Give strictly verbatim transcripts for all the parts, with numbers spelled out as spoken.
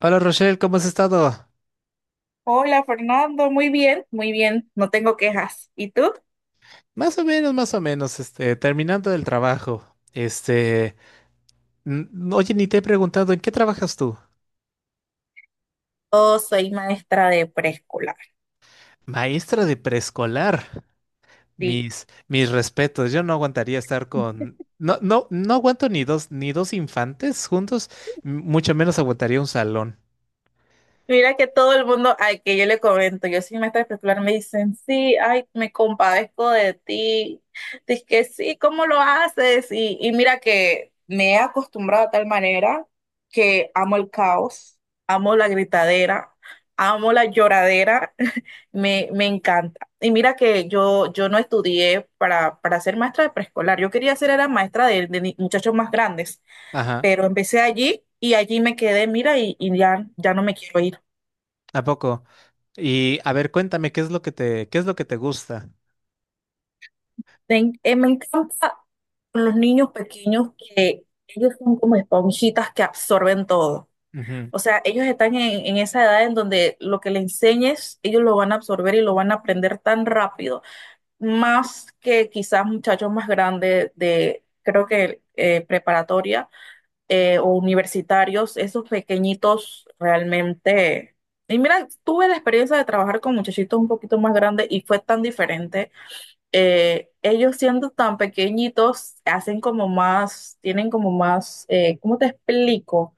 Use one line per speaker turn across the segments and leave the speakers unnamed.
Hola Rochelle, ¿cómo has estado?
Hola Fernando, muy bien, muy bien, no tengo quejas. ¿Y tú?
Más o menos, más o menos, este, terminando el trabajo. Este, n- oye, ni te he preguntado, ¿en qué trabajas tú?
Yo soy maestra de preescolar.
Maestra de preescolar. Mis, mis respetos, yo no aguantaría estar con, no, no, no aguanto ni dos, ni dos infantes juntos, m- mucho menos aguantaría un salón.
Mira que todo el mundo al que yo le comento, yo soy maestra especular, me dicen, sí, ay, me compadezco de ti. Dice que sí, ¿cómo lo haces? Y, y mira que me he acostumbrado a tal manera que amo el caos, amo la gritadera, amo la lloradera, me, me encanta. Y mira que yo, yo no estudié para, para ser maestra de preescolar, yo quería ser era maestra de, de ni- muchachos más grandes,
Ajá,
pero empecé allí y allí me quedé, mira, y, y ya, ya no me quiero ir.
¿a poco? Y a ver, cuéntame, ¿qué es lo que te, ¿qué es lo que te gusta?
Me, en- eh, me encanta con los niños pequeños, que ellos son como esponjitas que absorben todo.
Ujú.
O sea, ellos están en, en esa edad en donde lo que le enseñes, ellos lo van a absorber y lo van a aprender tan rápido, más que quizás muchachos más grandes de, creo que eh, preparatoria eh, o universitarios, esos pequeñitos realmente. Y mira, tuve la experiencia de trabajar con muchachitos un poquito más grandes y fue tan diferente. Eh, ellos siendo tan pequeñitos hacen como más, tienen como más, eh, ¿cómo te explico?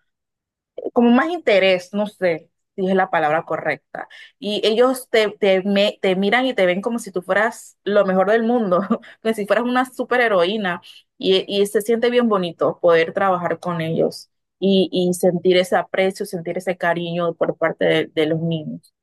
Como más interés, no sé si es la palabra correcta. Y ellos te, te, me- te miran y te ven como si tú fueras lo mejor del mundo, como si fueras una superheroína. Y, y se siente bien bonito poder trabajar con ellos y, y sentir ese aprecio, sentir ese cariño por parte de de los niños.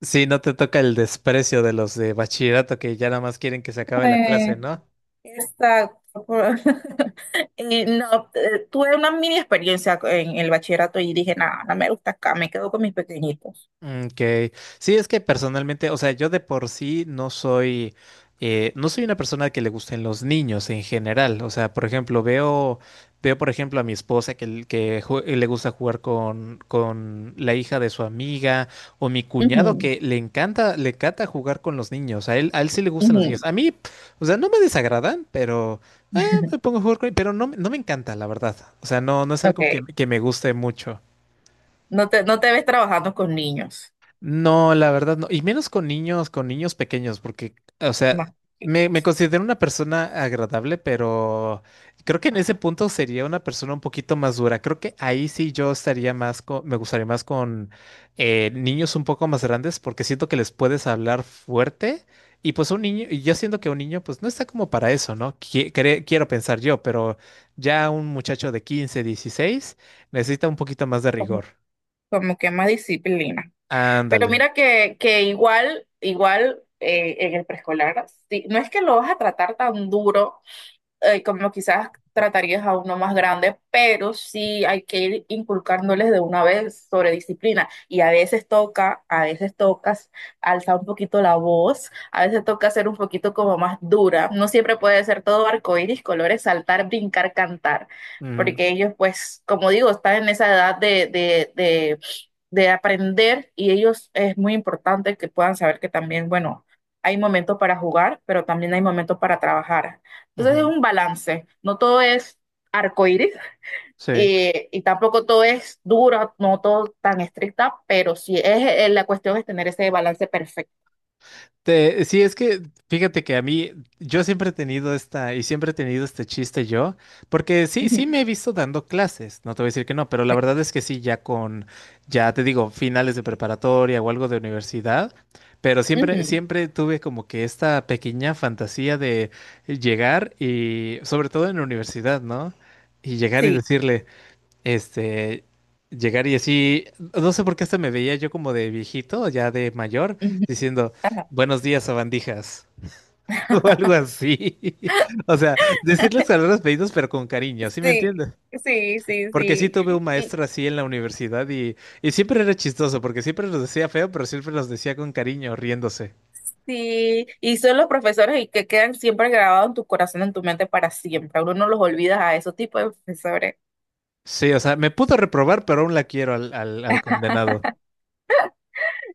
Sí, no te toca el desprecio de los de bachillerato que ya nada más quieren que se acabe la clase, ¿no?
Exacto. por- eh, no, eh, tuve una mini experiencia en el bachillerato y dije, nada, no me gusta acá, me quedo con mis pequeñitos.
Mm, okay, sí, es que personalmente, o sea, yo de por sí no soy, eh, no soy una persona que le gusten los niños en general. O sea, por ejemplo, veo, veo por ejemplo a mi esposa que, l- que jue- le gusta jugar con, con la hija de su amiga o mi cuñado
Ujú,
que le encanta, le encanta jugar con los niños. A él, a él sí le gustan los niños.
ujú.
A mí, p- o sea, no me desagradan, pero eh, me pongo a jugar con, pero no, me- no me encanta, la verdad. O sea, no, no es algo que,
Ok,
que me guste mucho.
no te, no te ves trabajando con niños,
No, la verdad no. Y menos con niños, con niños pequeños, porque, o sea,
no, sí,
me, me considero una persona agradable, pero creo que en ese punto sería una persona un poquito más dura. Creo que ahí sí yo estaría más con, me gustaría más con eh, niños un poco más grandes, porque siento que les puedes hablar fuerte. Y pues un niño, y yo siento que un niño, pues no está como para eso, ¿no? Qui- cre- quiero pensar yo, pero ya un muchacho de quince, dieciséis necesita un poquito más de
como,
rigor.
como que más disciplina. Pero
Ándale.
mira que, que igual, igual eh, en el preescolar, sí, no es que lo vas a tratar tan duro, eh, como quizás tratarías a uno más grande, pero sí hay que ir inculcándoles de una vez sobre disciplina. Y a veces toca, a veces tocas alzar un poquito la voz, a veces toca ser un poquito como más dura. No siempre puede ser todo arcoíris, colores, saltar, brincar, cantar.
Ujú,
Porque ellos, pues, como digo, están en esa edad de, de, de de aprender y ellos es muy importante que puedan saber que también, bueno, hay momentos para jugar, pero también hay momentos para trabajar. Entonces es
ujú.
un balance, no todo es arcoíris
Sí.
eh, y tampoco todo es duro, no todo tan estricta, pero sí es eh, la cuestión es tener ese balance perfecto.
Te- sí, es que fíjate que a mí, yo siempre he tenido esta, y siempre he tenido este chiste yo, porque sí, sí
Ujú,
me he visto dando clases, no te voy a decir que no, pero la verdad es que sí, ya con, ya te digo, finales de preparatoria o algo de universidad, pero siempre,
ujú,
siempre tuve como que esta pequeña fantasía de llegar y, sobre todo en la universidad, ¿no? Y llegar y
sí.
decirle, este, llegar y así, no sé por qué hasta me veía yo como de viejito, ya de mayor,
Ujú,
diciendo,
ajá.
buenos días, sabandijas, o algo así. O sea, decirles palabras pedidos, pero con cariño, ¿sí me
Sí,
entiendes?
sí, sí,
Porque sí
sí.
tuve un
Y,
maestro así en la universidad y, y siempre era chistoso, porque siempre los decía feo, pero siempre los decía con cariño, riéndose.
Sí, y son los profesores y que quedan siempre grabados en tu corazón, en tu mente para siempre. Uno no los olvida a esos tipos de profesores.
Sí, o sea, me pudo reprobar, pero aún la quiero al, al, al condenado.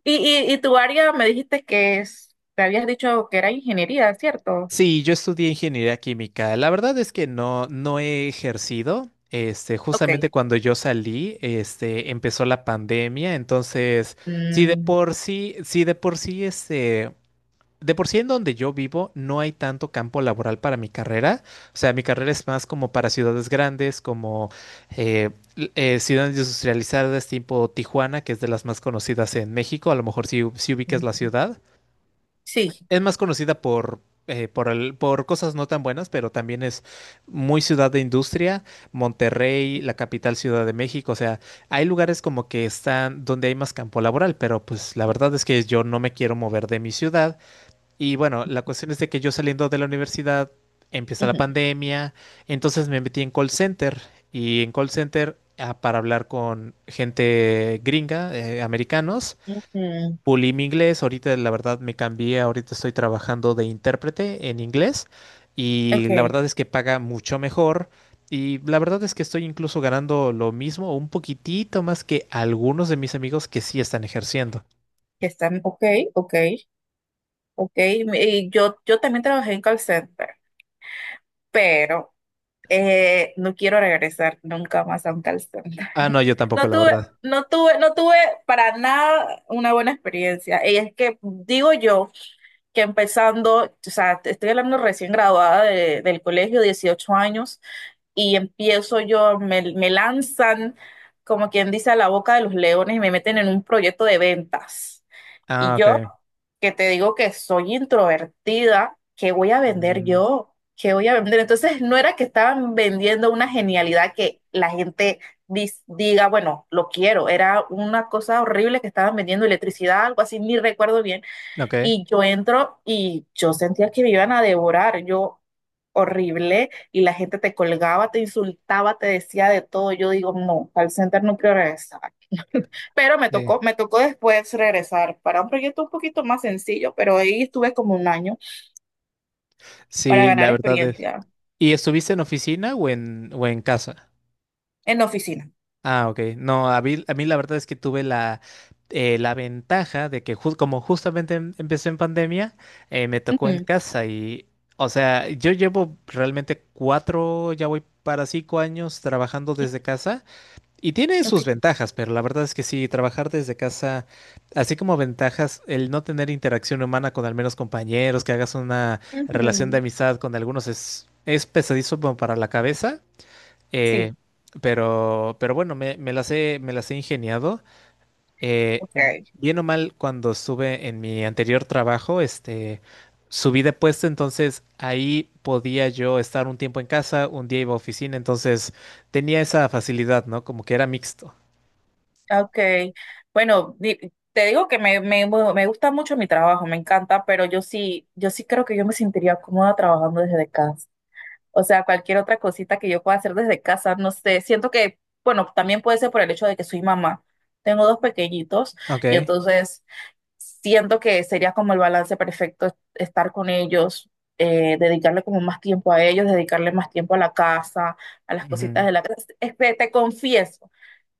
Y, y, y tu área me dijiste que es, te habías dicho que era ingeniería, ¿cierto?
Sí, yo estudié ingeniería química. La verdad es que no, no he ejercido. Este, justamente
Ok.
cuando yo salí, este, empezó la pandemia. Entonces, sí de
Mm,
por sí, sí de por sí, este, de por sí en donde yo vivo no hay tanto campo laboral para mi carrera. O sea, mi carrera es más como para ciudades grandes, como eh, l- eh, ciudades industrializadas tipo Tijuana, que es de las más conocidas en México. A lo mejor si, si ubicas la
mm,
ciudad
sí.
es más conocida por, eh, por, el- por cosas no tan buenas, pero también es muy ciudad de industria, Monterrey, la capital Ciudad de México, o sea, hay lugares como que están donde hay más campo laboral, pero pues la verdad es que yo no me quiero mover de mi ciudad. Y bueno, la cuestión es de que yo saliendo de la universidad empieza la
Ujú,
pandemia, entonces me metí en call center y en call center ah, para hablar con gente gringa, eh, americanos
ujú.
pulí mi inglés, ahorita la verdad me cambié, ahorita estoy trabajando de intérprete en inglés y la
Ok.
verdad es que paga mucho mejor y la verdad es que estoy incluso ganando lo mismo, o un poquitito más que algunos de mis amigos que sí están ejerciendo.
que Están, ok, ok, ok. Y yo, yo también trabajé en call center, pero eh, no quiero regresar nunca más a un call center.
Ah, no, yo tampoco,
No
la
tuve,
verdad.
no tuve, no tuve para nada una buena experiencia. Y es que digo yo que empezando, o sea, te estoy hablando recién graduada de- del colegio, dieciocho años, y empiezo yo, me, me lanzan, como quien dice, a la boca de los leones y me meten en un proyecto de ventas. Y
Ah,
yo,
ok.
que te digo que soy introvertida, ¿qué voy a vender
Mm,
yo? ¿Qué voy a vender? Entonces, no era que estaban vendiendo una genialidad que la gente dis- diga, bueno, lo quiero. Era una cosa horrible que estaban vendiendo electricidad, algo así, ni recuerdo bien
ok,
y yo entro y yo sentía que me iban a devorar, yo horrible, y la gente te colgaba, te insultaba, te decía de todo. Yo digo, no, al center no quiero regresar. Pero me
sí.
tocó, me tocó después regresar para un proyecto un poquito más sencillo, pero ahí estuve como un año para
Sí,
ganar
la verdad es.
experiencia
¿Y estuviste en oficina o en, o en casa?
en la oficina.
Ah, ok. No, a mí, a mí la verdad es que tuve la, eh, la ventaja de que ju- como justamente em- empezó en pandemia, eh, me tocó en
Ujú,
casa y, o sea, yo llevo realmente cuatro, ya voy para cinco años trabajando desde casa y tiene sus
ok.
ventajas, pero la verdad es que sí, trabajar desde casa, así como ventajas, el no tener interacción humana con al menos compañeros, que hagas una relación de
Ujú,
amistad con algunos es, es pesadizo como para la cabeza. Eh,
sí,
pero, pero bueno, me, me las he, me las he ingeniado. Eh,
ok.
bien o mal, cuando estuve en mi anterior trabajo, este, subí de puesto, entonces ahí podía yo estar un tiempo en casa, un día iba a oficina, entonces tenía esa facilidad, ¿no? Como que era mixto.
Ah, okay, bueno, di- te digo que me, me, bueno, me gusta mucho mi trabajo, me encanta, pero yo sí, yo sí creo que yo me sentiría cómoda trabajando desde casa. O sea, cualquier otra cosita que yo pueda hacer desde casa, no sé, siento que, bueno, también puede ser por el hecho de que soy mamá. Tengo dos pequeñitos y
Ok,
entonces siento que sería como el balance perfecto estar con ellos, eh, dedicarle como más tiempo a ellos, dedicarle más tiempo a la casa, a las cositas
ujú.
de la casa. Este, te confieso.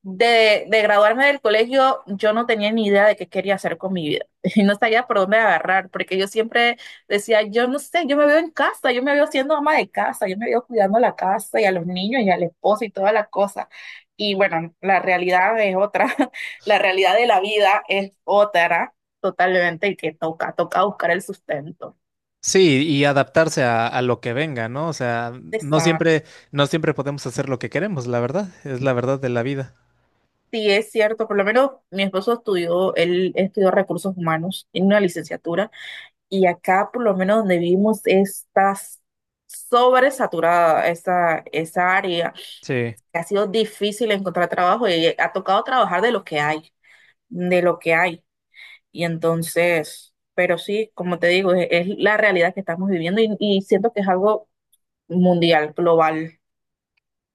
De, de graduarme del colegio, yo no tenía ni idea de qué quería hacer con mi vida. Y no sabía por dónde agarrar, porque yo siempre decía, yo no sé, yo me veo en casa, yo me veo siendo ama de casa, yo me veo cuidando la casa y a los niños y al esposo y toda la cosa. Y bueno, la realidad es otra, la realidad de la vida es otra totalmente y que toca, toca buscar el sustento.
Sí, y adaptarse a, a lo que venga, ¿no? O sea, no
Exacto.
siempre, no siempre podemos hacer lo que queremos, la verdad, es la verdad de la vida.
Sí, es cierto, por lo menos mi esposo estudió, él estudió recursos humanos, tiene una licenciatura. Y acá, por lo menos donde vivimos, está sobresaturada esa, esa área.
Sí.
Ha sido difícil encontrar trabajo y ha tocado trabajar de lo que hay, de lo que hay. Y entonces, pero sí, como te digo, es, es la realidad que estamos viviendo y, y siento que es algo mundial, global.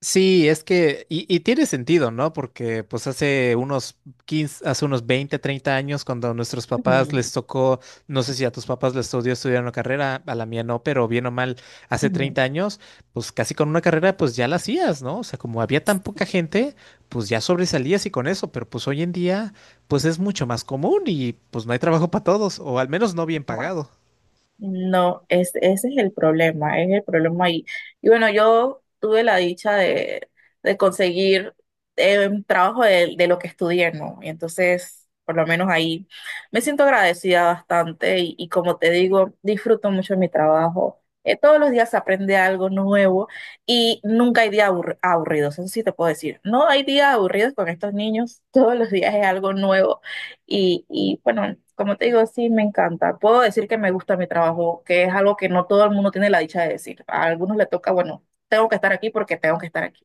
Sí, es que, y, y tiene sentido, ¿no? Porque pues hace unos quince, hace unos veinte, treinta años, cuando a nuestros papás
Ujú,
les tocó, no sé si a tus papás les tocó estudiar una carrera, a la mía no, pero bien o mal, hace
ujú,
treinta años, pues casi con una carrera pues ya la hacías, ¿no? O sea, como había tan poca gente, pues ya sobresalías y con eso, pero pues hoy en día pues es mucho más común y pues no hay trabajo para todos, o al menos no bien
ujú.
pagado.
No, es, ese es el problema, es el problema ahí. Y bueno, yo tuve la dicha de, de conseguir eh, un trabajo de, de lo que estudié, ¿no? Y entonces, por lo menos ahí, me siento agradecida bastante y, y como te digo, disfruto mucho mi trabajo. Eh, todos los días se aprende algo nuevo y nunca hay días aburr- aburridos, eso sí te puedo decir. No hay días aburridos con estos niños, todos los días es algo nuevo y, y bueno, como te digo, sí me encanta. Puedo decir que me gusta mi trabajo, que es algo que no todo el mundo tiene la dicha de decir. A algunos le toca, bueno, tengo que estar aquí porque tengo que estar aquí.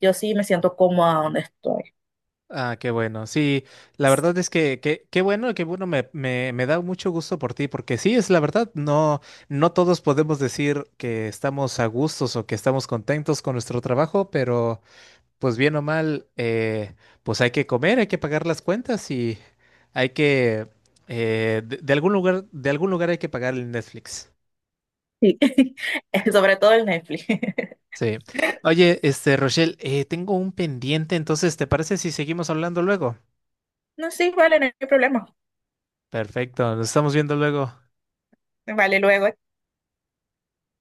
Yo sí me siento cómoda donde estoy.
Ah, qué bueno. Sí, la verdad es que que- qué bueno, qué bueno, me, me, me da mucho gusto por ti, porque sí, es la verdad, no, no todos podemos decir que estamos a gustos o que estamos contentos con nuestro trabajo, pero pues bien o mal, eh, pues hay que comer, hay que pagar las cuentas y hay que, eh, de, de algún lugar, de algún lugar hay que pagar el Netflix.
Sí, sobre todo el Netflix.
Sí. Oye, este, Rochelle, eh, tengo un pendiente, entonces, ¿te parece si seguimos hablando luego?
No, sí, vale, no hay problema.
Perfecto, nos estamos viendo luego.
Vale, luego.